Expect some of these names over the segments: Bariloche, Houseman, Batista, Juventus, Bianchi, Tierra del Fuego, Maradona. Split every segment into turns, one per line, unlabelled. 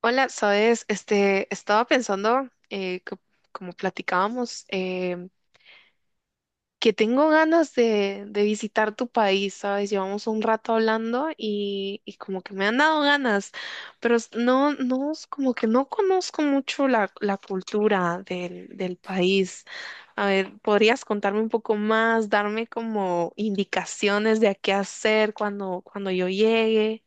Hola, sabes, este, estaba pensando, como platicábamos, que tengo ganas de visitar tu país, sabes, llevamos un rato hablando y como que me han dado ganas, pero no, no, como que no conozco mucho la cultura del país. A ver, ¿podrías contarme un poco más, darme como indicaciones de a qué hacer cuando yo llegue?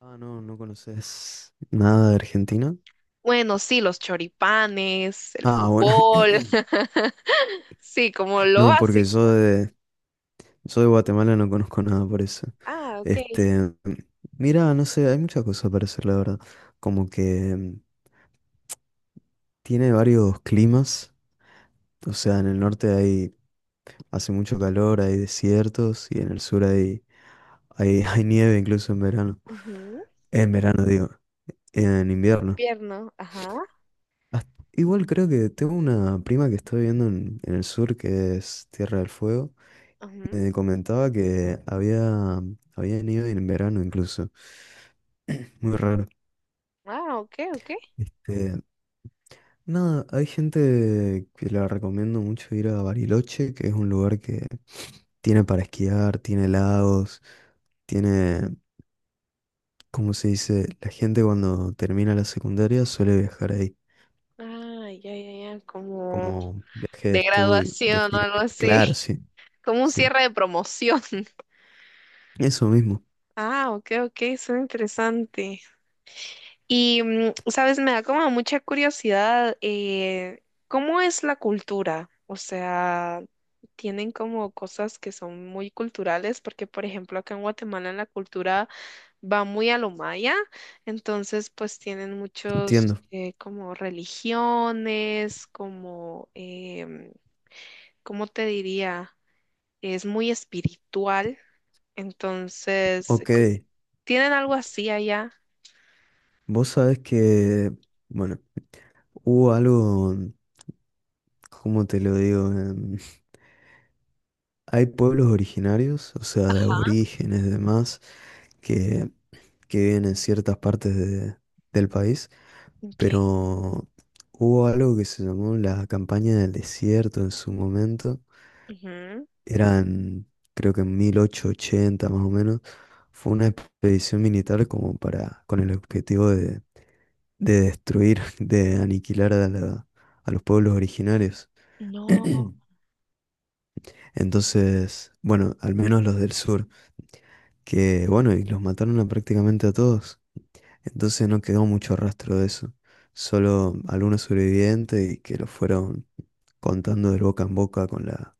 Ah, no, no conoces nada de Argentina.
Bueno, sí, los choripanes, el
Ah, bueno.
fútbol. Sí, como lo
No, porque
básico, ¿no?
yo de Guatemala no conozco nada por eso.
Ah, ok.
Este, mira, no sé, hay muchas cosas para hacer, la verdad. Como que mm, tiene varios climas. O sea, en el norte hay, hace mucho calor, hay desiertos, y en el sur hay nieve incluso en verano.
Ujú.
En verano, digo, en invierno.
Pierno, ajá.
Hasta- Igual creo que tengo una prima que está viviendo en el sur, que es Tierra del Fuego.
Ujú.
Me habían ido en verano incluso. Muy raro.
Ah, ok, ok.
Este, nada, hay gente que la recomiendo mucho ir a Bariloche, que es un lugar que tiene para esquiar, tiene lagos, tiene, ¿cómo se dice? La gente cuando termina la secundaria suele viajar ahí,
Ah, ya, ya, ya. Como
como viaje de
de
estudio, de
graduación o
final.
algo
Claro,
así.
sí,
Como un
sí.
cierre de promoción.
Eso mismo,
Ah, ok, ok. Suena interesante. Y, sabes, me da como mucha curiosidad, ¿cómo es la cultura? O sea, tienen como cosas que son muy culturales, porque por ejemplo acá en Guatemala la cultura va muy a lo maya, entonces pues tienen muchos
entiendo.
como religiones, como, em, ¿cómo te diría? Es muy espiritual, entonces,
Ok,
¿tienen algo así allá?
vos sabés bueno, hubo ¿cómo te lo digo? Hay pueblos originarios, o sea, de
Ajá.
aborígenes y demás, que, que viven en ciertas partes de- del país,
Ok.
pero hubo algo que se llamó la campaña del desierto en su momento. Eran, creo que en 1880 más o menos, fue una expedición militar como para, con el objetivo de destruir, de aniquilar a, la- a los pueblos originarios.
No.
Entonces, bueno, al menos los del sur, que bueno, y los mataron a prácticamente a todos. Entonces no quedó mucho rastro de eso. Solo algunos sobrevivientes y que lo fueron contando de boca en boca con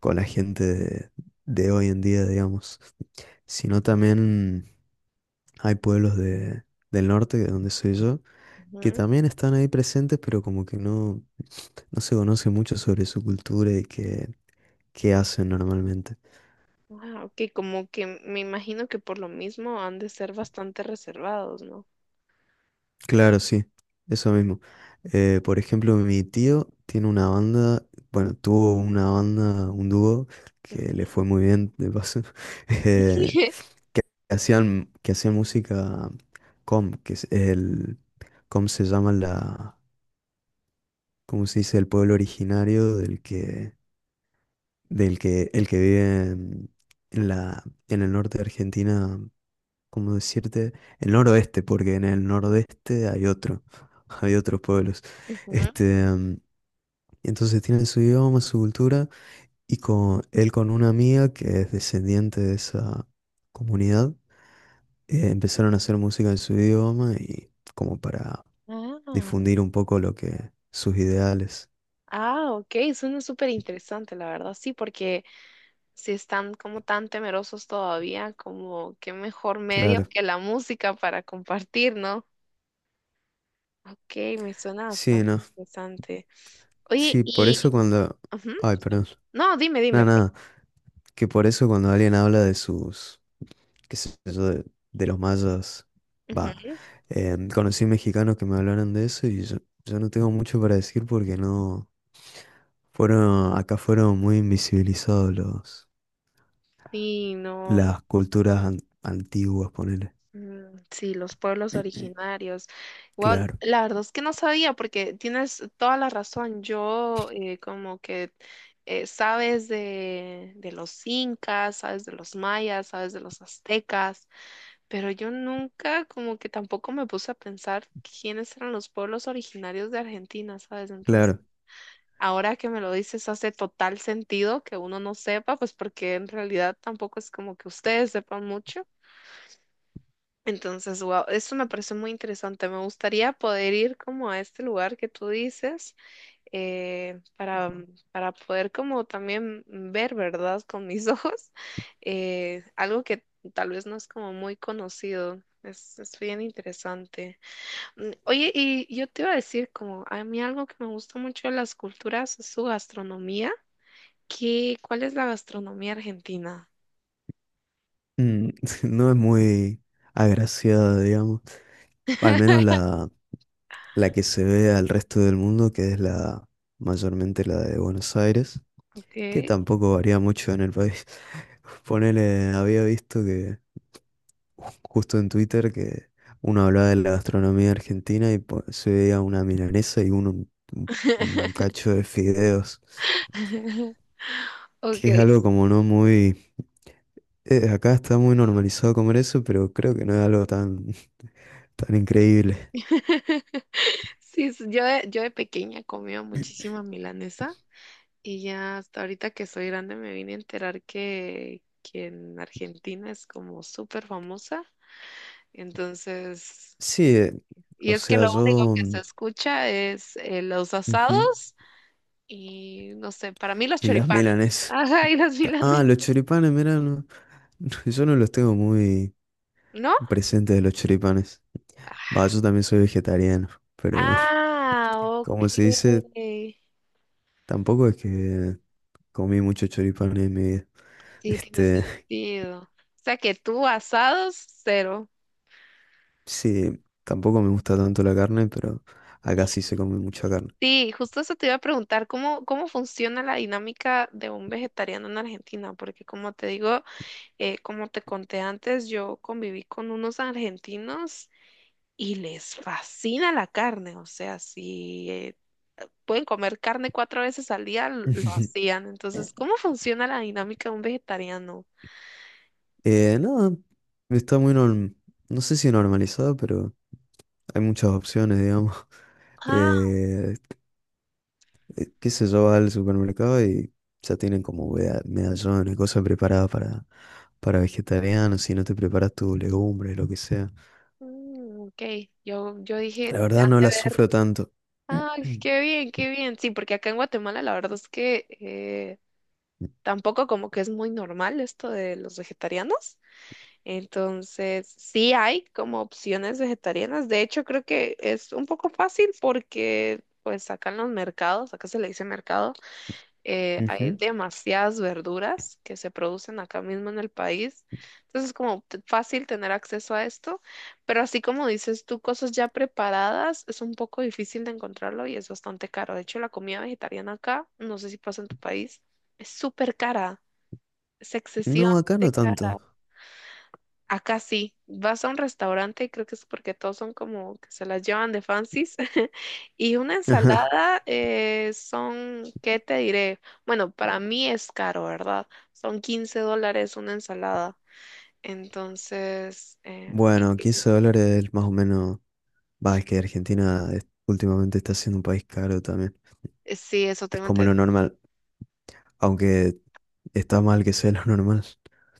con la gente de hoy en día, digamos. Sino también hay pueblos del norte, de donde soy yo, que
Ujú.
también están ahí presentes, pero como que no, no se conoce mucho sobre su cultura qué hacen normalmente.
Ah, ok, como que me imagino que por lo mismo han de ser bastante reservados, ¿no?
Claro, sí, eso mismo. Por ejemplo, mi tío tiene una banda, bueno, tuvo una banda, un dúo, que le
Ujú.
fue muy bien, de paso, eh, que hacían música que es el, com se llama la, ¿cómo se dice? El pueblo originario del que vive en la, en el norte de Argentina, ¿cómo decirte? El noroeste, porque en el nordeste hay otro, hay otros pueblos.
Ujú.
Este, em, entonces tienen su idioma, su cultura, y con él con una amiga que es descendiente de esa comunidad, empezaron a hacer música en su idioma y como para
Ah,
difundir un poco lo que sus ideales.
ah, ok, suena súper interesante, la verdad, sí, porque si están como tan temerosos todavía, como qué mejor
Claro.
medio que la música para compartir, ¿no? Ok, me suena
Sí,
bastante
no.
interesante. Oye,
Sí, por
y...
eso cuando...
Ujú.
Ay, perdón.
No, dime,
Nada,
dime.
nada. Que por eso cuando alguien habla de sus, qué sé yo, de los mayas, va,
Ujú.
conocí mexicanos que me hablaron de eso yo no tengo mucho para decir porque no, fueron, acá fueron muy invisibilizados los,
Sí, no.
las culturas an- antiguas, ponele.
Mm, sí, los pueblos originarios. Wow,
Claro,
la verdad es que no sabía, porque tienes toda la razón. Yo como que sabes de los incas, sabes de los mayas, sabes de los aztecas, pero yo nunca como que tampoco me puse a pensar quiénes eran los pueblos originarios de Argentina, ¿sabes? Entonces,
claro.
ahora que me lo dices, hace total sentido que uno no sepa, pues porque en realidad tampoco es como que ustedes sepan mucho. Entonces, wow, esto me parece muy interesante. Me gustaría poder ir como a este lugar que tú dices eh, para, para poder como también ver, ¿verdad? Con mis ojos, algo que tal vez no es como muy conocido. Es bien interesante. Oye, y yo te iba a decir como a mí algo que me gusta mucho de las culturas es su gastronomía. ¿Cuál es la gastronomía argentina?
Mm, No es muy agraciada, digamos. Al menos la que se ve al resto del mundo, que es la mayormente la de Buenos Aires,
Ok.
que tampoco varía mucho en el país. Ponele, había visto que ju- justo en Twitter que uno hablaba de la gastronomía argentina y po- se veía una milanesa y uno un cacho de fideos,
Ok.
que es algo como no muy... acá está muy normalizado comer eso, pero creo que no es algo tan, tan increíble.
Sí, yo de pequeña comía muchísima milanesa y ya hasta ahorita que soy grande me vine a enterar que en Argentina es como súper famosa. Entonces,
Sí, eh,
y
o
es que
sea,
lo único que se escucha es los
ujú.
asados y no sé, para mí los
Y las
choripanes.
milanesas.
Ajá, y las
Ah,
milanesas,
los choripanes, mirá, no- yo no los tengo muy
¿no?
presentes de los choripanes. Va, yo también soy vegetariano, pero
Ah, ok.
como se dice, tampoco es que comí mucho choripanes en mi vida.
Sí, tiene
Este,
sentido. O sea que tú asados, cero.
sí, tampoco me gusta tanto la carne, pero acá sí se come mucha carne.
Sí, justo eso te iba a preguntar, ¿Cómo funciona la dinámica de un vegetariano en Argentina? Porque como te digo, como te conté antes, yo conviví con unos argentinos y les fascina la carne, o sea, si pueden comer carne cuatro veces al día, lo hacían. Entonces, ¿cómo funciona la dinámica de un vegetariano?
Nada, está muy norm... no sé si normalizado, pero hay muchas opciones, digamos.
Ah,
Eh, qué sé yo, va al supermercado y ya tienen como vea- medallones, cosas preparadas para vegetarianos, si no te preparas tus legumbres, lo que sea.
ok, yo dije,
La verdad
han
no
de
la
ver.
sufro tanto.
Ay, qué bien, qué bien. Sí, porque acá en Guatemala la verdad es que tampoco como que es muy normal esto de los vegetarianos. Entonces, sí hay como opciones vegetarianas. De hecho, creo que es un poco fácil porque pues acá en los mercados, acá se le dice mercado, hay
Ujú.
demasiadas verduras que se producen acá mismo en el país. Entonces es como fácil tener acceso a esto, pero así como dices tú, cosas ya preparadas es un poco difícil de encontrarlo y es bastante caro. De hecho, la comida vegetariana acá, no sé si pasa en tu país, es súper cara, es
No, acá no
excesivamente cara.
tanto.
Acá sí, vas a un restaurante y creo que es porque todos son como que se las llevan de fancies. Y una ensalada son, ¿qué te diré? Bueno, para mí es caro, ¿verdad? Son 15 dólares una ensalada. Entonces,
Bueno, 15 dólares más o menos. Va, es que Argentina es- últimamente está siendo un país caro también.
sí, eso
Es
tengo
como lo
entendido.
normal, aunque está mal que sea lo normal.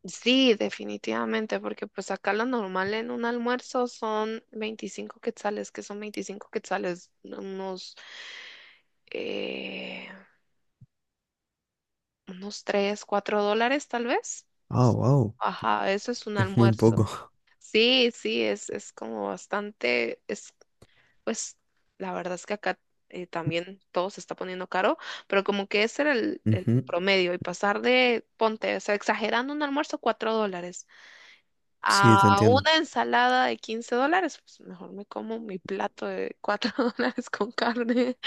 Sí, definitivamente, porque pues acá lo normal en un almuerzo son 25 quetzales, que son 25 quetzales, eh, Unos 3 4 dólares tal vez.
Ah,
Es-
wow,
Ajá, eso es un
es muy
almuerzo.
poco.
Sí, sí, es como bastante, es pues la verdad es que acá también todo se está poniendo caro, pero como que ese era el, el
Ujú.
promedio y pasar ponte, o sea, exagerando un almuerzo, 4 dólares
Sí,
a
te entiendo.
una ensalada de 15 dólares, pues mejor me como mi plato de 4 dólares con carne.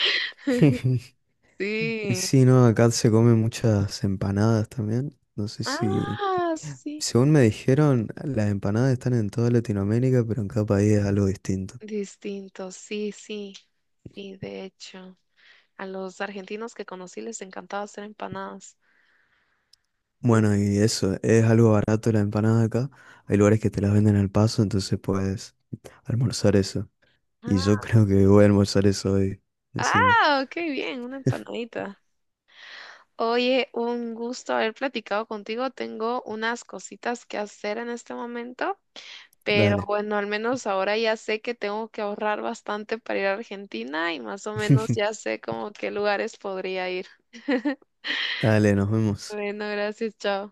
Sí.
Sí, no, acá se comen muchas empanadas también. No sé si,
Ah, sí.
según me dijeron, las empanadas están en toda Latinoamérica, pero en cada país es algo distinto.
Distinto, sí, sí, sí, de hecho, a los argentinos que conocí les encantaba hacer empanadas. Y me-
Bueno, y eso, es algo barato la empanada acá. Hay lugares que te las venden al paso, entonces puedes almorzar eso. Y yo
Ah,
creo que voy a almorzar eso hoy, encima.
ah, qué bien, una empanadita. Oye, un gusto haber platicado contigo. Tengo unas cositas que hacer en este momento, pero
Dale,
bueno, al menos ahora ya sé que tengo que ahorrar bastante para ir a Argentina y más o menos ya sé como qué lugares podría ir.
dale, nos vemos.
Bueno, gracias, chao.